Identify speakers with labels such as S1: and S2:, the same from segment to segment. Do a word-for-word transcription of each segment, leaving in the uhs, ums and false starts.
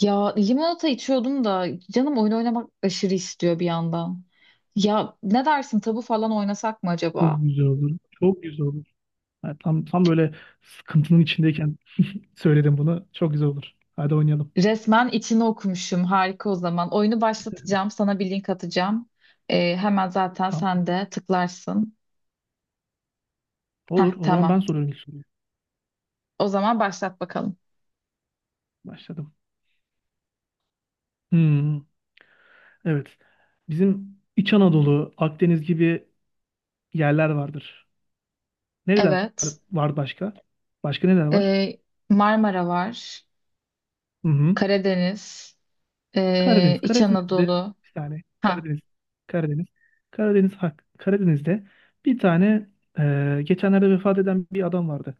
S1: Ya limonata içiyordum da canım oyun oynamak aşırı istiyor bir yandan. Ya ne dersin tabu falan oynasak mı
S2: Çok
S1: acaba?
S2: güzel olur. Çok güzel olur. Ha, tam tam böyle sıkıntının içindeyken söyledim bunu. Çok güzel olur. Hadi oynayalım.
S1: Resmen içini okumuşum, harika o zaman. Oyunu başlatacağım, sana bir link atacağım. Ee, hemen zaten sen
S2: Tamam.
S1: de tıklarsın.
S2: Olur.
S1: Heh,
S2: O zaman ben
S1: tamam,
S2: soruyorum ilk soruyu.
S1: o zaman başlat bakalım.
S2: Başladım. Hmm, evet. Bizim İç Anadolu, Akdeniz gibi yerler vardır. Nereler
S1: Evet.
S2: var başka? Başka neler var?
S1: Ee, Marmara var,
S2: Hı hı.
S1: Karadeniz, ee,
S2: Karadeniz.
S1: İç
S2: Karadeniz'de
S1: Anadolu.
S2: bir tane
S1: Ha.
S2: Karadeniz. Karadeniz. Karadeniz hak. Karadeniz'de bir tane e, geçenlerde vefat eden bir adam vardı.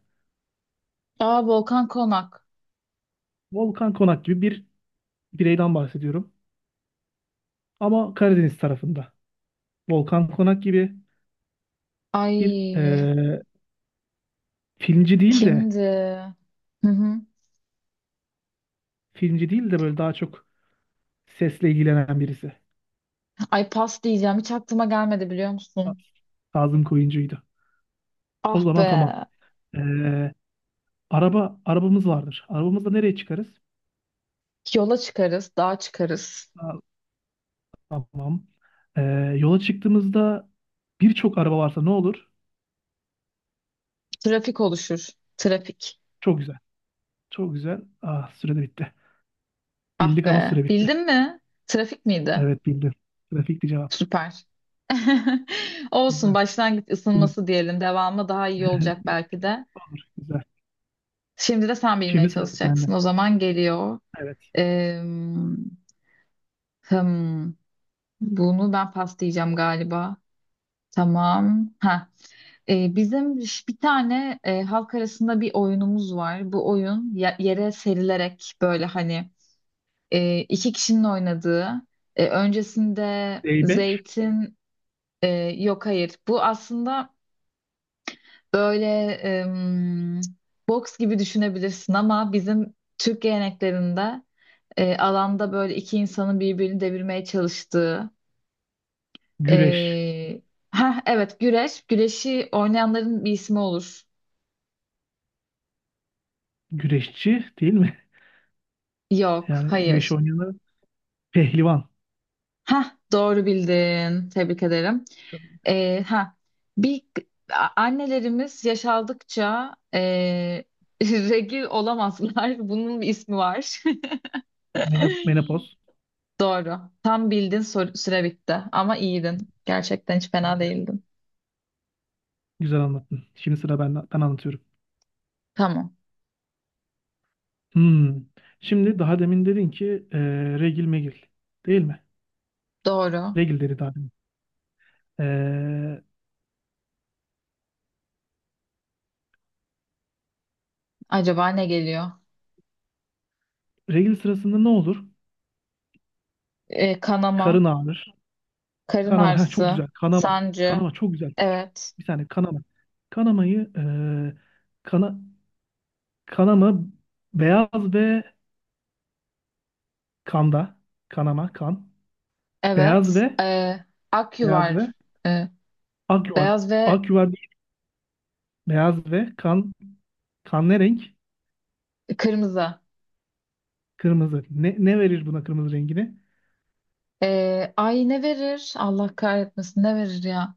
S1: Aa, Volkan Konak.
S2: Volkan Konak gibi bir bireyden bahsediyorum. Ama Karadeniz tarafında. Volkan Konak gibi bir
S1: Ay,
S2: e, filmci değil de
S1: kimdi? Hı hı.
S2: filmci değil de böyle daha çok sesle ilgilenen birisi.
S1: Ay, pas diyeceğim. Hiç aklıma gelmedi, biliyor musun?
S2: Kazım Koyuncu'ydu. O
S1: Ah
S2: zaman
S1: be.
S2: tamam. E, araba arabamız vardır. Arabamızla nereye çıkarız?
S1: Yola çıkarız, dağa çıkarız.
S2: Ha, tamam. E, yola çıktığımızda birçok araba varsa ne olur?
S1: Trafik oluşur. Trafik.
S2: Çok güzel. Çok güzel. Ah süre de bitti.
S1: Ah
S2: Bildik ama
S1: be.
S2: süre bitti.
S1: Bildin mi? Trafik miydi?
S2: Evet bildim. Trafikti cevap.
S1: Süper. Olsun.
S2: Güzel.
S1: Başlangıç ısınması diyelim. Devamı daha iyi olacak belki de.
S2: Olur. Güzel.
S1: Şimdi de sen bilmeye
S2: Şimdi sıra sende.
S1: çalışacaksın. O zaman geliyor.
S2: Evet.
S1: Ee, hmm, Bunu ben pas diyeceğim galiba. Tamam. Ha. Ee, bizim ş- bir tane e, halk arasında bir oyunumuz var. Bu oyun ya- yere serilerek böyle hani e, iki kişinin oynadığı. E, öncesinde
S2: Zeybek,
S1: zeytin, e, yok hayır. Bu aslında böyle, em, boks gibi düşünebilirsin ama bizim Türk geleneklerinde, e, alanda böyle iki insanın birbirini devirmeye çalıştığı.
S2: güreş.
S1: E, Heh, evet, güreş. Güreşi oynayanların bir ismi olur.
S2: Güreşçi değil mi?
S1: Yok
S2: Yani güreş
S1: hayır.
S2: oynayanlar pehlivan.
S1: Ha, doğru bildin. Tebrik ederim.
S2: Çok-
S1: Ee, ha, Bir a- annelerimiz yaşaldıkça, e, regl olamazlar. Bunun bir ismi var.
S2: mene- Menopoz.
S1: Doğru. Tam bildin sor- süre bitti. Ama iyiydin. Gerçekten hiç fena
S2: Güzel,
S1: değildin.
S2: güzel anlattın. Şimdi sıra ben, ben anlatıyorum.
S1: Tamam.
S2: Hmm. Şimdi daha demin dedin ki e, regil megil. Değil mi?
S1: Doğru.
S2: Regil dedi daha demin. E,
S1: Acaba ne geliyor?
S2: regil sırasında ne olur?
S1: Ee, kanama,
S2: Karın ağrır.
S1: karın
S2: Kanama. Ha, çok
S1: ağrısı,
S2: güzel. Kanama.
S1: sancı.
S2: Kanama çok güzel. Çok-
S1: Evet.
S2: bir saniye kanama. Kanamayı e, kana, kanama beyaz ve kanda. Kanama. Kan. Beyaz
S1: Evet.
S2: ve
S1: Ee, ak
S2: Beyaz ve
S1: yuvar. Ee,
S2: ak yuvar.
S1: Beyaz ve
S2: Ak yuvar değil. Beyaz ve kan. Kan ne renk?
S1: kırmızı.
S2: Kırmızı. Ne, ne verir buna kırmızı rengini?
S1: Ee, ay, ne verir? Allah kahretmesin, ne verir ya?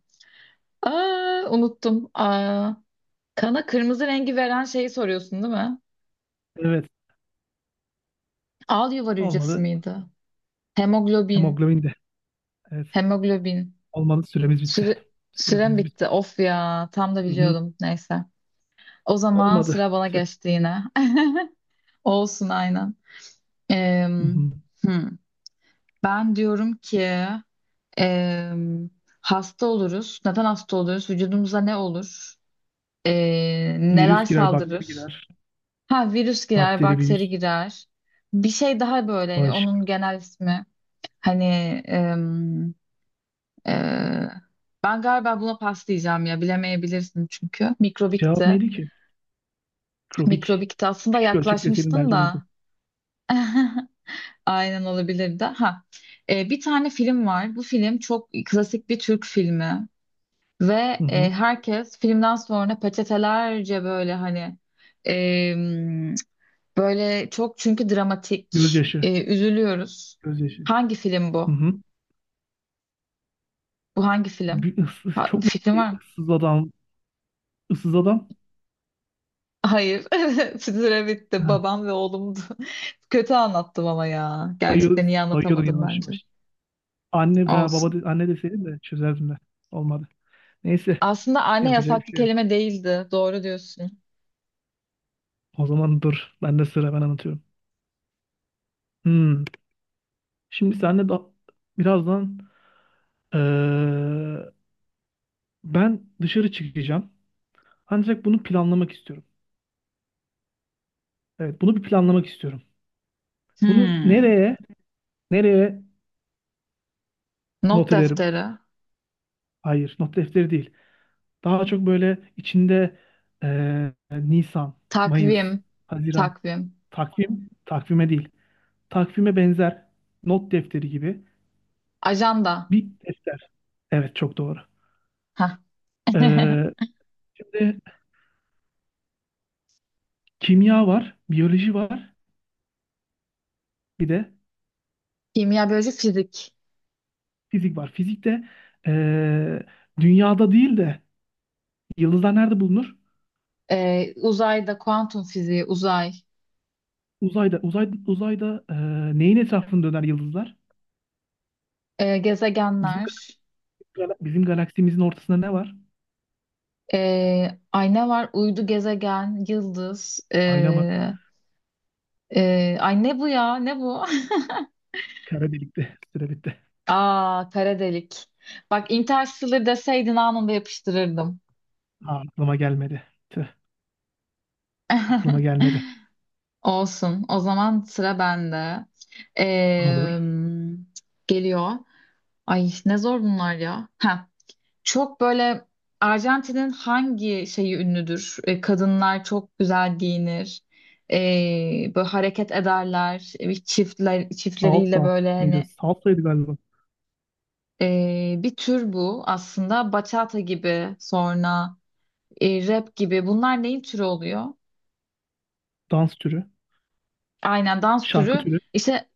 S1: Aa, unuttum. Aa, kana kırmızı rengi veren şeyi soruyorsun değil mi?
S2: Evet.
S1: Al yuvar hücresi
S2: Olmadı.
S1: miydi? Hemoglobin.
S2: Hemoglobin de. Evet.
S1: Hemoglobin.
S2: Olmadı. Süremiz bitti.
S1: Süre, Sürem
S2: Süremiz
S1: bitti.
S2: bitti.
S1: Of ya. Tam da
S2: Hı hı.
S1: biliyordum. Neyse. O zaman
S2: Olmadı.
S1: sıra bana
S2: Tüh.
S1: geçti yine. Olsun, aynen.
S2: Hı
S1: Em,
S2: hı.
S1: hmm. Ben diyorum ki, em, hasta oluruz. Neden hasta oluyoruz? Vücudumuza ne olur? Ee,
S2: Virüs
S1: neler
S2: girer, bakteri
S1: saldırır?
S2: girer.
S1: Ha, virüs girer,
S2: Bakteri,
S1: bakteri
S2: virüs,
S1: girer. Bir şey daha, böyle hani
S2: bağışık.
S1: onun genel ismi. Hani em, e, Ben galiba buna pas diyeceğim ya, bilemeyebilirsin çünkü.
S2: Cevap
S1: Mikrobikti.
S2: neydi ki? Krobik.
S1: Mikrobikti aslında,
S2: Küçük ölçek deseydin
S1: yaklaşmıştın
S2: belki olurdu.
S1: da. Aynen, olabilirdi. Ha, e, bir tane film var. Bu film çok klasik bir Türk filmi ve
S2: Hı
S1: e,
S2: hı.
S1: herkes filmden sonra peçetelerce böyle hani, e, böyle çok, çünkü dramatik,
S2: Gözyaşı.
S1: e, üzülüyoruz.
S2: Gözyaşı.
S1: Hangi film
S2: Hı
S1: bu?
S2: hı.
S1: Bu hangi film?
S2: Bir ıssız,
S1: Ha,
S2: çok merak
S1: fikrin var
S2: ediyorum.
S1: mı?
S2: Issız adam. Issız adam.
S1: Hayır. Süre bitti.
S2: Ha,
S1: Babam ve Oğlum'du. Kötü anlattım ama ya. Gerçekten
S2: sayıyoruz.
S1: iyi
S2: Sayıyordum
S1: anlatamadım
S2: yavaş
S1: bence.
S2: yavaş. Anne veya baba
S1: Olsun.
S2: de- anne deseydi de çözerdim de. Olmadı. Neyse.
S1: Aslında anne
S2: Yapacak bir
S1: yasaklı
S2: şey yok.
S1: kelime değildi. Doğru diyorsun.
S2: O zaman dur. Ben de sıra, ben anlatıyorum. Hmm. Şimdi senle da birazdan, eee, ben dışarı çıkacağım. Ancak bunu planlamak istiyorum. Evet, bunu bir planlamak istiyorum. Bunu
S1: Hmm.
S2: nereye nereye
S1: Not
S2: not ederim?
S1: defteri.
S2: Hayır, not defteri değil. Daha çok böyle içinde eee, Nisan, Mayıs,
S1: Takvim.
S2: Haziran.
S1: Takvim.
S2: Takvim, takvime değil. Takvime benzer not defteri gibi
S1: Ajanda.
S2: bir defter. Evet çok doğru.
S1: Hah.
S2: Ee, şimdi kimya var, biyoloji var, bir de
S1: Kimya, biyoloji, fizik.
S2: fizik var. Fizikte ee, dünyada değil de yıldızlar nerede bulunur?
S1: Ee, uzayda, kuantum fiziği, uzay.
S2: Uzayda, uzay, uzayda ee, neyin etrafında döner yıldızlar?
S1: Ee,
S2: Bizim,
S1: gezegenler,
S2: gal- bizim galaksimizin ortasında ne var?
S1: ee, ay, ne var? Uydu, gezegen, yıldız.
S2: Ayna mı?
S1: Ee, ee, ay, ne bu ya? Ne bu?
S2: Kara delikte. Süre bitti.
S1: Aa, kara delik. Bak, Interstellar deseydin anında yapıştırırdım.
S2: Ha, aklıma gelmedi. Tüh, aklıma gelmedi.
S1: Olsun. O zaman sıra bende. Ee,
S2: Olur.
S1: Geliyor. Ay, ne zor bunlar ya. Heh. Çok böyle, Arjantin'in hangi şeyi ünlüdür? E, kadınlar çok güzel giyinir. E, böyle hareket ederler. E, çiftler, çiftleriyle
S2: Alfa
S1: böyle
S2: mıydı?
S1: hani,
S2: Salsaydı galiba.
S1: e, bir tür bu aslında. Bachata gibi, sonra e, rap gibi, bunlar neyin türü oluyor?
S2: Dans türü,
S1: Aynen, dans
S2: şarkı
S1: türü.
S2: türü.
S1: İşte,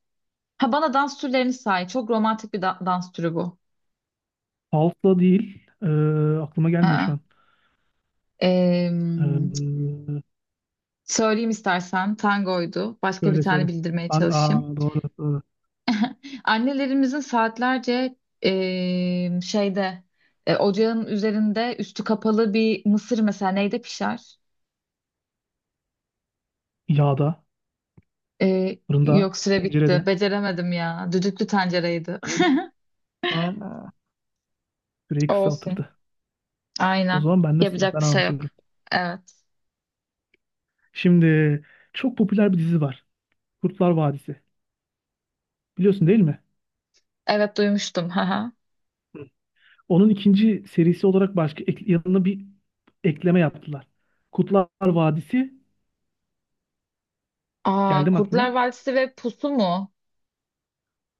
S1: ha, bana dans türlerini say. Çok romantik bir da- dans türü bu.
S2: Salsa değil. Ee, aklıma gelmiyor şu
S1: Aa.
S2: an.
S1: E,
S2: Ee,
S1: Söyleyeyim istersen, tangoydu. Başka bir
S2: söyle
S1: tane
S2: söyle.
S1: bildirmeye
S2: Ben-
S1: çalışayım.
S2: Aa, doğru doğru.
S1: Annelerimizin saatlerce eee, şeyde, e, ocağın üzerinde üstü kapalı bir mısır mesela neyde pişer?
S2: Yağda,
S1: Eee,
S2: fırında,
S1: yok, süre bitti.
S2: tencerede.
S1: Beceremedim ya. Düdüklü tencereydi.
S2: Neydi ki? Aa, süreyi
S1: Olsun.
S2: kısaltırdı. O
S1: Aynen.
S2: zaman ben de sıra.
S1: Yapacak
S2: Ben
S1: bir şey yok.
S2: anlatıyorum.
S1: Evet.
S2: Şimdi çok popüler bir dizi var. Kurtlar Vadisi. Biliyorsun değil mi?
S1: Evet, duymuştum. Haha.
S2: Hı. Onun ikinci serisi olarak başka ek- yanına bir ekleme yaptılar. Kurtlar Vadisi.
S1: Aa,
S2: Geldim
S1: Kurtlar
S2: aklına.
S1: Vadisi ve Pusu mu?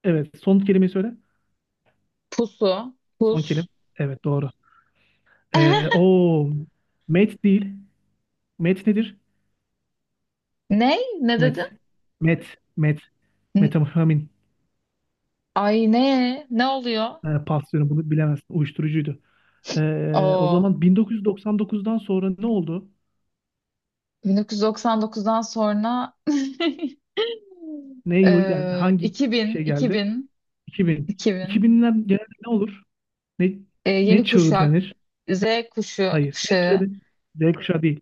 S2: Evet. Son kelimeyi söyle.
S1: Pusu.
S2: Son kelime.
S1: Pus.
S2: Evet doğru. Ee, o met değil. Met nedir?
S1: Ne? Ne
S2: Met.
S1: dedin?
S2: Met. Met.
S1: N-.
S2: Metamfetamin.
S1: Ay, ne? Ne oluyor?
S2: Ee, pas diyorum bunu bilemezsin. Uyuşturucuydu. Ee, o
S1: Oo.
S2: zaman bin dokuz yüz doksan dokuzdan sonra ne oldu?
S1: bin dokuz yüz doksan dokuzdan sonra
S2: Ne yıl geldi?
S1: Ee,
S2: Hangi
S1: iki bin,
S2: şey geldi?
S1: iki bin
S2: iki bin.
S1: iki bin.
S2: iki binler genelde ne olur? Ne
S1: Ee,
S2: ne
S1: yeni
S2: çağı
S1: kuşak,
S2: denir?
S1: Z kuşu,
S2: Hayır. Ne çağı
S1: kuşağı.
S2: denir? Z kuşağı değil.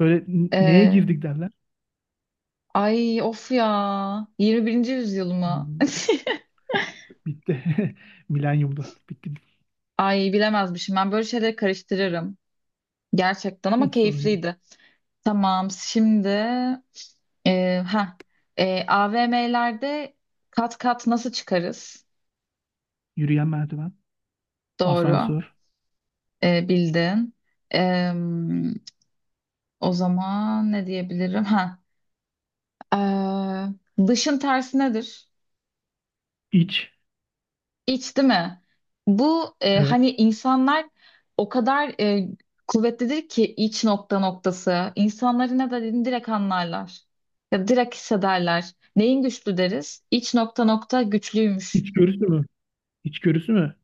S2: Böyle n- neye
S1: Ee,
S2: girdik derler?
S1: Ay, of ya. yirmi birinci yüzyıl mı?
S2: Hmm, Bitti. Milenyumda. Bitti.
S1: Ay, bilemezmişim. Ben böyle şeyleri karıştırırım. Gerçekten ama
S2: Sorun değil.
S1: keyifliydi. Tamam, şimdi e, ha A V M'lerde kat kat nasıl çıkarız?
S2: Yürüyen merdiven.
S1: Doğru.
S2: Asansör.
S1: E, bildin. Em, O zaman ne diyebilirim? Ha. Ee, dışın tersi nedir?
S2: İç.
S1: İç, değil mi? Bu, e,
S2: Evet.
S1: hani insanlar o kadar, e, kuvvetlidir ki iç nokta noktası. İnsanları ne dediğini direkt anlarlar. Ya direkt hissederler. Neyin güçlü deriz? İç nokta nokta güçlüymüş.
S2: İçgörüsü mü? İçgörüsü mü?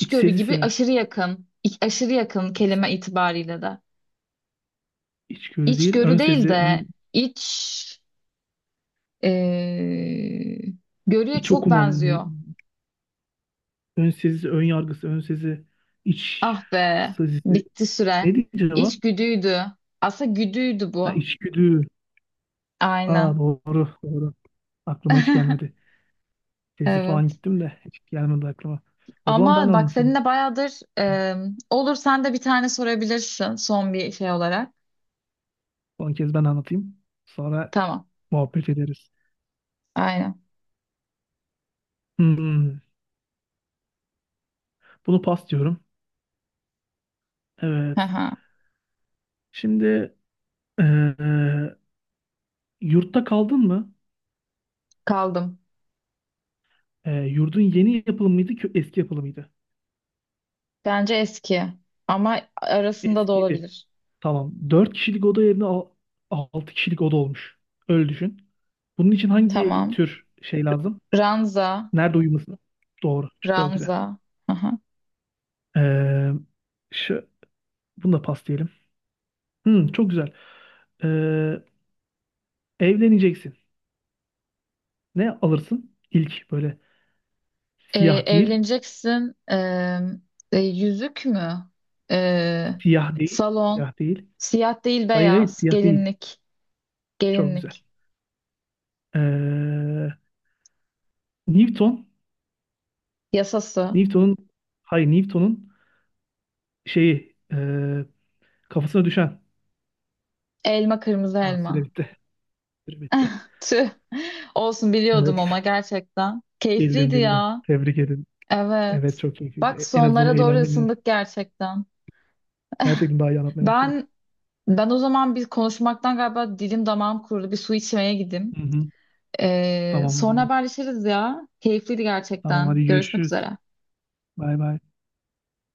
S2: İç sezisi
S1: gibi
S2: mi?
S1: aşırı yakın. İ- aşırı yakın kelime itibariyle de.
S2: İçgörü değil.
S1: İçgörü
S2: Ön
S1: değil
S2: sezi,
S1: de
S2: ön,
S1: iç, e, görüye
S2: iç
S1: çok
S2: okumam mı?
S1: benziyor.
S2: Ön sezisi, ön yargısı, ön sezi, iç
S1: Ah be,
S2: sezisi.
S1: bitti süre.
S2: Ne diyeceğim cevap?
S1: İçgüdüydü. Aslında güdüydü
S2: Ha,
S1: bu.
S2: içgüdü. Ha,
S1: Aynen.
S2: doğru, doğru. Aklıma hiç gelmedi. Sezi falan
S1: Evet.
S2: gittim de hiç gelmedi aklıma. O zaman ben
S1: Ama bak,
S2: anlatayım.
S1: seninle bayağıdır, e, olur, sen de bir tane sorabilirsin son bir şey olarak.
S2: Son kez ben anlatayım. Sonra
S1: Tamam.
S2: muhabbet ederiz.
S1: Aynen.
S2: Hmm, Bunu pas diyorum. Evet.
S1: Haha.
S2: Şimdi eee, yurtta kaldın mı?
S1: Kaldım.
S2: Ee, yurdun yeni yapılı mıydı ki eski yapılı mıydı?
S1: Bence eski. Ama arasında da
S2: Eskiydi.
S1: olabilir.
S2: Tamam. Dört kişilik oda yerine altı kişilik oda olmuş. Öyle düşün. Bunun için hangi
S1: Tamam.
S2: tür şey lazım?
S1: Ranza.
S2: Nerede uyuması? Doğru. Çok güzel.
S1: Ranza. Haha.
S2: Ee, şu, bunu da pas diyelim. Hmm, çok güzel. Ee, evleneceksin. Ne alırsın? İlk böyle
S1: Ee,
S2: siyah değil.
S1: Evleneceksin. Ee, e, yüzük mü? Ee,
S2: Siyah değil.
S1: Salon.
S2: Siyah değil.
S1: Siyah değil,
S2: Hayır hayır
S1: beyaz.
S2: siyah değil.
S1: Gelinlik.
S2: Çok güzel.
S1: Gelinlik.
S2: Ee, Newton.
S1: Yasası.
S2: Newton'un, hayır, Newton'un şeyi e, kafasına düşen.
S1: Elma, kırmızı
S2: Aa, süre
S1: elma.
S2: bitti. Süre bitti.
S1: Tüh. Olsun, biliyordum ama
S2: Evet.
S1: gerçekten.
S2: Bildim
S1: Keyifliydi
S2: bildim.
S1: ya.
S2: Tebrik ederim. Evet
S1: Evet.
S2: çok
S1: Bak,
S2: keyifliydi. En azından
S1: sonlara doğru
S2: eğlendim biraz.
S1: ısındık gerçekten.
S2: Gerçekten daha iyi anlatmaya başladık.
S1: Ben ben o zaman bir konuşmaktan galiba dilim damağım kurudu. Bir su içmeye gideyim.
S2: Hı hı.
S1: Ee,
S2: Tamam o
S1: sonra
S2: zaman.
S1: haberleşiriz ya. Keyifliydi
S2: Tamam
S1: gerçekten.
S2: hadi
S1: Görüşmek
S2: görüşürüz.
S1: üzere.
S2: Bay bay.